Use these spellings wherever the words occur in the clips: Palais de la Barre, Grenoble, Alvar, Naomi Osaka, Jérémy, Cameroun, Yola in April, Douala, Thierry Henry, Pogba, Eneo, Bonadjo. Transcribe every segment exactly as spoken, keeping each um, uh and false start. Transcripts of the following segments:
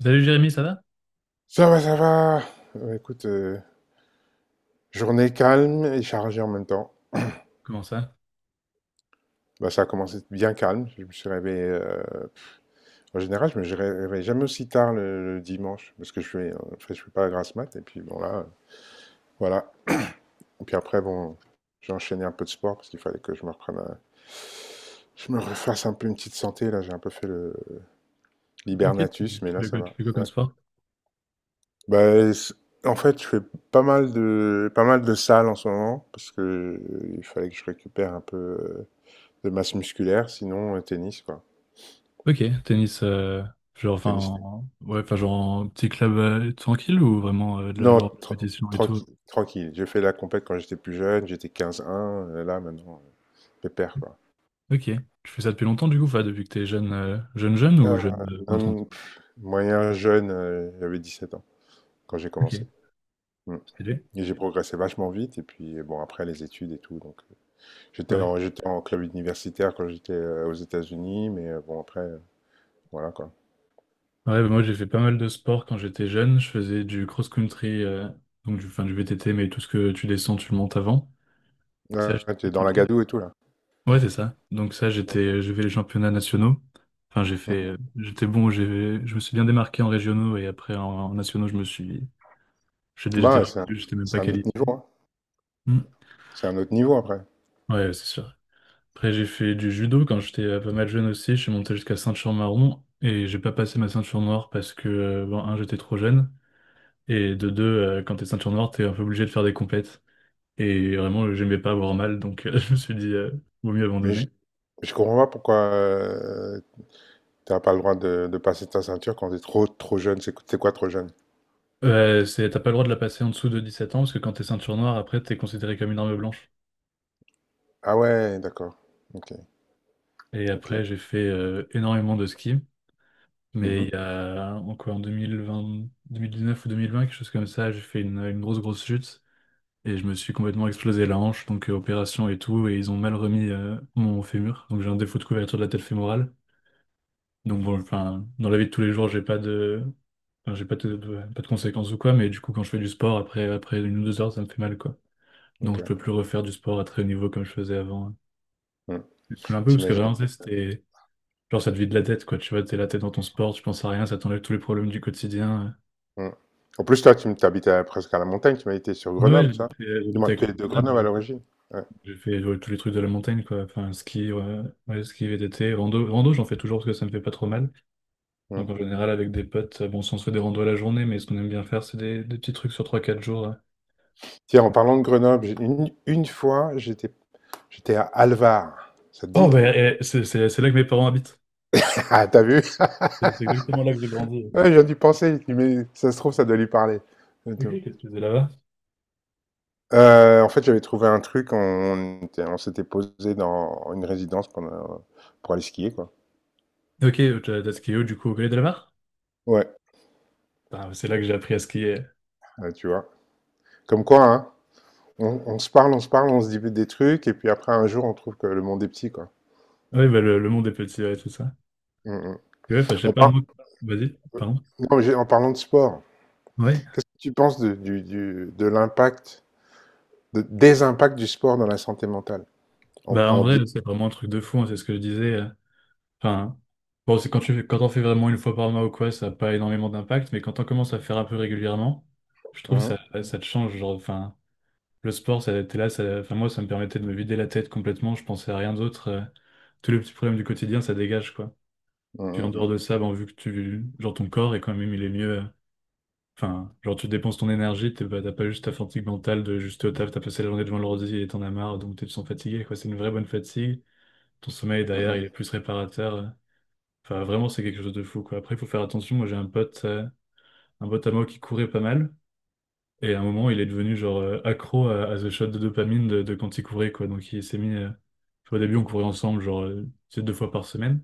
Salut Jérémy, ça va? Ça va, ça va. Euh, Écoute, euh, journée calme et chargée en même temps. Comment ça? Bah, ça a commencé bien calme. Je me suis réveillé. euh, En général, je me je réveille jamais aussi tard le, le dimanche parce que je fais, euh, en fait, je fais pas la grasse mat. Et puis bon là, euh, voilà. Et puis après, bon, j'ai enchaîné un peu de sport parce qu'il fallait que je me reprenne, un- je me refasse un peu une petite santé. Là, j'ai un peu fait le Ok, l'hibernatus, tu mais là, fais ça quoi, tu va. fais quoi comme Ouais. sport? Bah, c- en fait, je fais pas mal de pas mal de salles en ce moment parce que euh, il fallait que je récupère un peu. euh, de masse musculaire, sinon euh, tennis, quoi. Ok, tennis, euh, genre, enfin, Tennis, tennis. en- ouais, enfin, genre, en petit club euh, tranquille ou vraiment euh, de la Non, genre tra- compétition et tout? tranquille, tranquille. J'ai fait la compète quand j'étais plus jeune, j'étais quinze un, euh, là maintenant, euh, pépère, quoi. Ok, tu fais ça depuis longtemps du coup, enfin, depuis que t'es jeune, euh, jeune, jeune ou Euh, jeune de vingt trente ans? non, pff, moyen jeune, euh, j'avais sept ans quand j'ai Ok, commencé. Mm. stylé. Et j'ai progressé vachement vite, et puis euh, bon, après les études et tout, donc euh, j'étais Ouais. en, j'étais en club universitaire quand j'étais euh, aux États-Unis, mais euh, bon, après, euh, voilà, quoi. Ouais, bah, moi j'ai fait pas mal de sport quand j'étais jeune. Je faisais du cross-country, euh, donc du, enfin, du V T T, mais tout ce que tu descends, tu le montes avant. Ça, je- Ouais, t'es dans la gadoue et tout, là. ouais, c'est ça. Donc ça, j'étais, Mm, euh, j'ai fait les championnats nationaux. Enfin, j'ai fait, mm, euh, j'étais bon, j'ai, je me suis bien démarqué en régionaux et après en, en nationaux, je me suis, mm. j'étais, Bah, j'étais ouais, c'est un, j'étais même pas c'est un autre niveau, qualifié. hein. Hmm. C'est un autre niveau après. Ouais, c'est sûr. Après, j'ai fait du judo quand j'étais euh, pas mal jeune aussi. Je suis monté jusqu'à ceinture marron et j'ai pas passé ma ceinture noire parce que, euh, bon, un, j'étais trop jeune et de deux, euh, quand t'es ceinture noire, t'es un peu obligé de faire des compètes. Et vraiment, j'aimais pas avoir mal, donc euh, je me suis dit, euh, vaut mieux Mais abandonner. je comprends pas pourquoi tu t'as pas le droit de, de passer ta ceinture quand t'es trop trop jeune. C'est c'est quoi trop jeune? Euh, c'est, t'as pas le droit de la passer en dessous de dix-sept ans parce que quand t'es ceinture noire, après t'es considéré comme une arme blanche. Ah ouais, d'accord. Ok, Et ok. après j'ai fait euh, énormément de ski, mais il Mhm, y a en quoi, en deux mille vingt, deux mille dix-neuf ou deux mille vingt, quelque chose comme ça, j'ai fait une, une grosse grosse chute et je me suis complètement explosé la hanche, donc euh, opération et tout, et ils ont mal remis euh, mon fémur, donc j'ai un défaut de couverture de la tête fémorale. Donc bon, enfin, dans la vie de tous les jours, j'ai pas de, enfin, j'ai pas de, pas de conséquences ou quoi, mais du coup quand je fais du sport, après après une ou deux heures, ça me fait mal quoi. Donc, je ok. peux plus refaire du sport à très haut niveau comme je faisais avant. Mm. Je me saoule un peu parce que T'imagines? vraiment, tu sais, c'était. Genre, ça te vide la tête, quoi. Tu vois, t'es la tête dans ton sport, tu penses à rien, ça t'enlève tous les problèmes du quotidien. Mm. En plus, toi, tu habites presque à la montagne. Tu m'as été sur Ouais, ouais, Grenoble, ça? j'habitais Dis-moi, j'habitais à tu côté es de de Grenoble à Grenoble. l'origine? Ouais. J'ai fait ouais, tous les trucs de la montagne, quoi. Enfin, ski, ouais, ouais, ski, V T T, rando. Rando, j'en fais toujours parce que ça me fait pas trop mal. Donc, Mm. en général, avec des potes, euh, bon, si on se fait des randos à la journée, mais ce qu'on aime bien faire, c'est des, des petits trucs sur trois quatre jours. Ouais. Tiens, en parlant de Grenoble, j'ai- une, une fois, j'étais j'étais à Alvar. Ça te Oh, dit? bah, eh, c'est c'est- c'est là que mes parents habitent. Ah, t'as vu? C'est c'est exactement là que j'ai grandi. Ouais, j'ai dû penser. Je dis, mais ça se trouve, ça doit lui parler. Ok, qu'est-ce que tu faisais là-bas? Heu, en fait, j'avais trouvé un truc, on était on s'était posé dans une résidence pendant pour aller skier, quoi. Ok, euh, t'as t'as skié où, du coup, au Palais de la Barre. Ouais, Ah, c'est là que j'ai appris à skier. bah, tu vois? Comme quoi, hein, on on se parle, on se parle, on se dit des trucs et puis après un jour, on trouve que le monde est petit, quoi. Oui, bah, le, le monde est petit, ouais, tout ça. Mmh mh. Et ouais, enfin, je sais On pas, par moi. Vas-y, euh, pardon. non, mais j'ai en parlant de sport, Ouais. qu'est-ce que tu penses de du du de l'impact, de des impacts du sport dans la santé mentale? En Bah, en en bien. vrai, c'est vraiment un truc de fou, hein, c'est ce que je disais. euh. Enfin, bon, c'est quand tu fais, quand on fait vraiment une fois par mois ou quoi, ça n'a pas énormément d'impact, mais quand on commence à faire un peu régulièrement, je Mmh trouve ça, mh. ça te change. Genre, enfin, le sport, ça, t'es là, ça, enfin, moi, ça me permettait de me vider la tête complètement, je pensais à rien d'autre. euh. tous les petits problèmes du quotidien, ça dégage, quoi. Mmh Puis mh, en mmh. dehors de ça, bon, vu que tu, genre, ton corps est quand même, il est mieux. Enfin, genre tu dépenses ton énergie, t'es pas- t'as pas juste ta fatigue mentale de juste au taf, t'as passé la journée devant l'ordi et t'en as marre, donc tu te sens fatigué, quoi. C'est une vraie bonne fatigue. Ton sommeil Mmh derrière, il mh. est plus réparateur. Enfin, vraiment, c'est quelque chose de fou, quoi. Après, il faut faire attention. Moi, j'ai un pote, euh, un pote à moi qui courait pas mal. Et à un moment, il est devenu genre euh, accro à, à ce shot de dopamine de, de quand il courait, quoi. Donc il s'est mis. euh, Tu vois, au début, on courait ensemble, genre euh, tu sais, deux fois par semaine.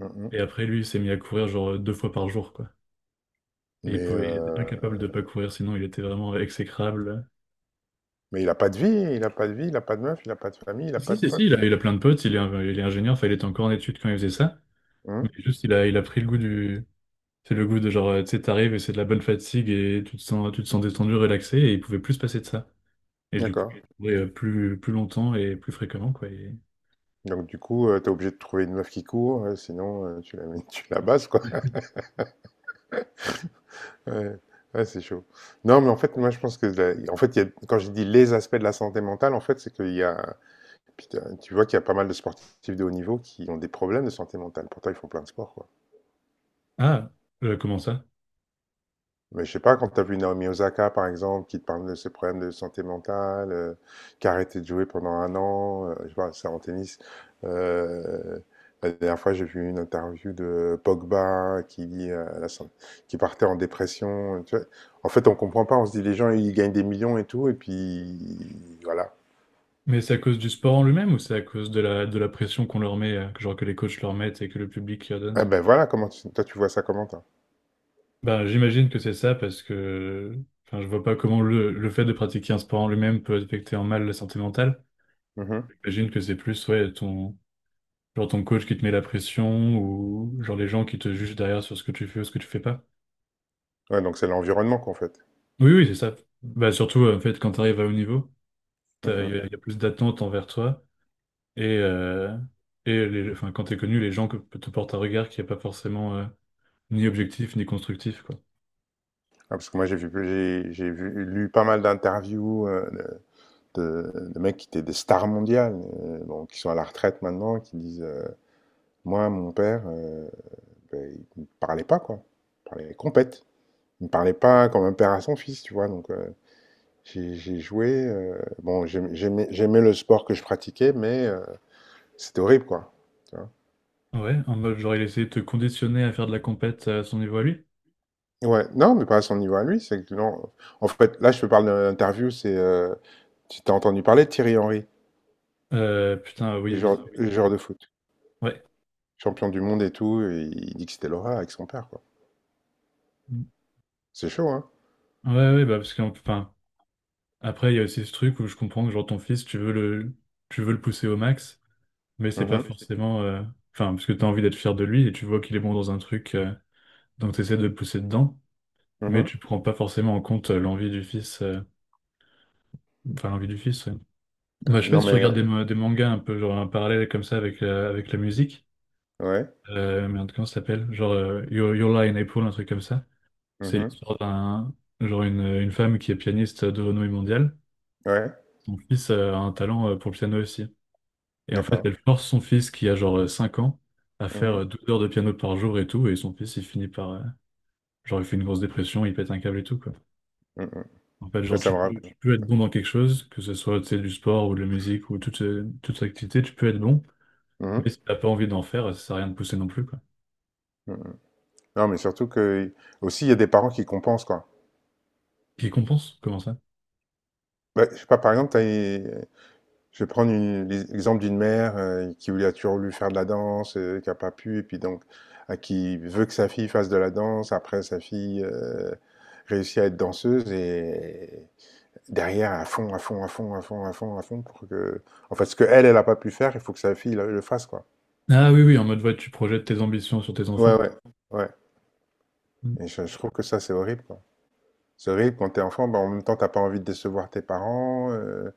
Mmh mmh. Et après, lui, il s'est mis à courir genre euh, deux fois par jour, quoi. Et il Mais pouvait, il était heu, incapable de pas courir, sinon il était vraiment exécrable. mais il a pas de vie, il a pas de vie, il a pas de meuf, il a pas de famille, il a Si, pas de si, si, il potes, a, heu? il a plein de potes, il est, un- il est ingénieur, enfin, il était encore en études quand il faisait ça. Mais Mmh? juste, il a, il a pris le goût du. C'est le goût de genre, euh, tu sais, t'arrives et c'est de la bonne fatigue et tu te sens, tu te sens détendu, relaxé et il pouvait plus se passer de ça. Et du coup, D'accord. il courait, euh, plus, plus longtemps et plus fréquemment, quoi. et- Donc du coup, euh, t'es obligé de trouver une meuf qui court, euh, sinon euh, tu la tu la bases quoi. Ouais, ouais, c'est chaud. Non, mais en fait, moi je pense que la- en fait, il y a- quand je dis les aspects de la santé mentale, en fait, c'est qu'il y a, putain, tu vois qu'il y a pas mal de sportifs de haut niveau qui ont des problèmes de santé mentale. Pourtant, ils font plein de sports, quoi. Ah, euh, comment ça? Mais je sais pas, quand tu as vu Naomi Osaka, par exemple, qui te parle de ses problèmes de santé mentale, euh, qui a arrêté de jouer pendant un an, euh, je sais pas, c'est en tennis. Euh, la dernière fois, j'ai vu une interview de Pogba qui dit, euh, la san- qui partait en dépression. Tu vois. En fait, on comprend pas. On se dit, les gens, ils gagnent des millions et tout, et puis voilà. Mais c'est à cause du sport en lui-même ou c'est à cause de la, de la pression qu'on leur met, euh, que genre que les coachs leur mettent et que le public leur donne? Eh ben voilà, comment tu- toi, tu vois ça comment, toi? Ben, j'imagine que c'est ça parce que, enfin, je vois pas comment le, le fait de pratiquer un sport en lui-même peut affecter en mal la santé mentale. Mhm. J'imagine que c'est plus ouais, ton, genre ton coach qui te met la pression ou genre les gens qui te jugent derrière sur ce que tu fais ou ce que tu fais pas. Ouais, donc c'est l'environnement qu'en fait. Oui, oui, c'est ça. Bah, surtout, euh, en fait, quand tu arrives à haut niveau, t'as- il y, Mhm. a il y a plus d'attentes envers toi et, euh, et les, enfin, quand tu es connu, les gens que, te portent un regard qui n'est pas forcément euh, ni objectif ni constructif, quoi. Ah, parce que moi, j'ai vu, j'ai j'ai vu, lu pas mal d'interviews. euh, de, de mecs qui étaient des stars mondiales, euh, bon, qui sont à la retraite maintenant, qui disent euh, moi, mon père, euh, ben, il ne parlait pas, quoi. Il parlait compète. Il ne parlait pas comme un père à son fils, tu vois. Donc, euh, j'ai j'ai joué. euh, Bon, j'aimais- j'aimais j'aimais le sport que je pratiquais, mais euh, c'était horrible, quoi. Tu vois. Ouais, en mode genre il essaie de te conditionner à faire de la compète à son niveau à lui. Ouais, non, mais pas à son niveau à lui. C'est que, non. En fait, là, je te parle d'une interview, c'est. Euh, tu t'as entendu parler de Thierry Henry, Euh, putain, le oui, joueur, vite. ah oui, le joueur de foot, Ouais. champion du monde et tout, et il dit que c'était Laura avec son père, quoi. C'est chaud, hein? Ouais, ouais, bah parce que, après, il y a aussi ce truc où je comprends que genre ton fils, tu veux le, tu veux le pousser au max, mais c'est pas Mhm, mh. forcément, euh, enfin, parce que tu as envie d'être fier de lui et tu vois qu'il est bon dans un truc, euh, donc tu essaies de le pousser dedans, Mais. mais Mmh. tu prends pas forcément en compte euh, l'envie du fils, euh, enfin l'envie du fils. Ouais. Bah, je sais pas Non si tu mais, heu, regardes des, ma- des mangas un peu genre un parallèle comme ça avec la, avec la musique, ouais. euh, merde, comment ça s'appelle? Genre euh, Yo- Yola in April, un truc comme ça. C'est Mhm. l'histoire d'un genre une, une femme qui est pianiste de renommée mondiale. Ouais, Son fils euh, a un talent euh, pour le piano aussi. Et en fait, d'accord. elle force son fils qui a genre euh, cinq ans à faire Mhm. euh, douze heures de piano par jour et tout. Et son fils, il finit par. euh, Genre, il fait une grosse dépression, il pète un câble et tout, quoi. Mhm. Mmh. En fait, Ça, genre, ça tu me peux, rapp tu peux être bon dans quelque chose, que ce soit, tu sais, du sport ou de la musique ou toute, euh, toute activité, tu peux être bon. Mhm, Mais mh. si t'as pas envie d'en faire, ça sert à rien de pousser non plus, quoi. Mmh. Non mais surtout que aussi, il y a des parents qui compensent, quoi. Qui compense? Comment ça? Bah, je sais pas, par exemple, tu as je vais prendre une l'exemple d'une mère, heu, qui voulait a toujours voulu faire de la danse, heu, qui a pas pu et puis donc, heu, qui veut que sa fille fasse de la danse. Après sa fille, heu, réussit à être danseuse et derrière à fond, à fond, à fond, à fond, à fond, à fond pour que en fait, ce qu'elle, elle elle a pas pu faire, il faut que sa fille le le fasse, quoi. Ah oui, oui, en mode, ouais, tu projettes tes ambitions sur tes Ouais, enfants. ouais, ouais. Mm. Et je, je trouve que ça, c'est horrible, quoi. C'est horrible quand t'es enfant, bah, en même temps, t'as pas envie de décevoir tes parents. euh,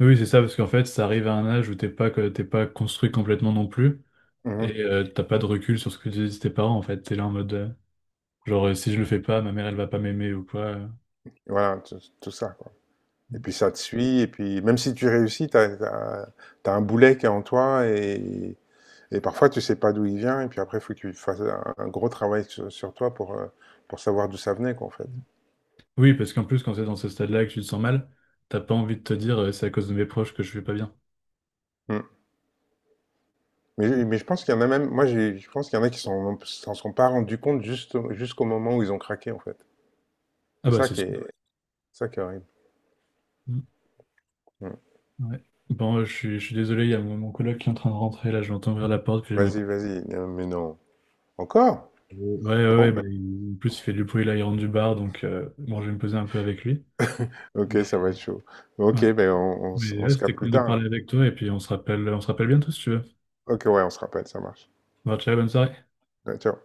Oui, c'est ça, parce qu'en fait, ça arrive à un âge où t'es pas, que- t'es pas construit complètement non plus. Mhm. Et euh, t'as pas de recul sur ce que disent tes parents, en fait. T'es là en mode. euh, Genre, euh, si je le fais pas, ma mère, elle va pas m'aimer ou quoi. euh. Voilà, tout, tout ça, quoi. Et puis ça te suit, et puis même si tu réussis, t'as, t'as, t'as un boulet qui est en toi, et, et parfois tu sais pas d'où il vient, et puis après, il faut que tu fasses un, un gros travail sur, sur toi pour, euh, pour savoir d'où ça venait, quoi, en fait. Oui, parce qu'en plus, quand c'est dans ce stade-là et que tu te sens mal, t'as pas envie de te dire, euh, c'est à cause de mes proches que je vais pas bien. Mm. Mais, mais je pense qu'il y en a même, moi, j'ai- je pense qu'il y en a qui s'en s'en sont pas rendus compte juste, jusqu'au moment où ils ont craqué, en fait. Ah C'est bah, ça c'est qui sûr. est, ça qui est horrible. Mm, Mmh. ouais. Bon, euh, je suis, je suis désolé, il y a mon, mon coloc qui est en train de rentrer, là, je l'entends ouvrir la porte, puis j'aimerais pas... Vas-y, vas-y. Non, mais non. Encore? Ouais, ouais, Bon, ouais, bah, bah, il- en plus, il fait du bruit, là, il rentre du bar, donc euh, bon, je vais me poser un peu avec lui. ok, Mais ça va être chaud. ouais, Ok, ben on, on s- mais on ouais, se c'était capte plus cool de tard. parler avec toi, et puis on se rappelle, on se rappelle bientôt, si tu veux. Ok, ouais, on se rappelle, ça marche. Bon, ciao, bonne soirée. Ouais, ciao.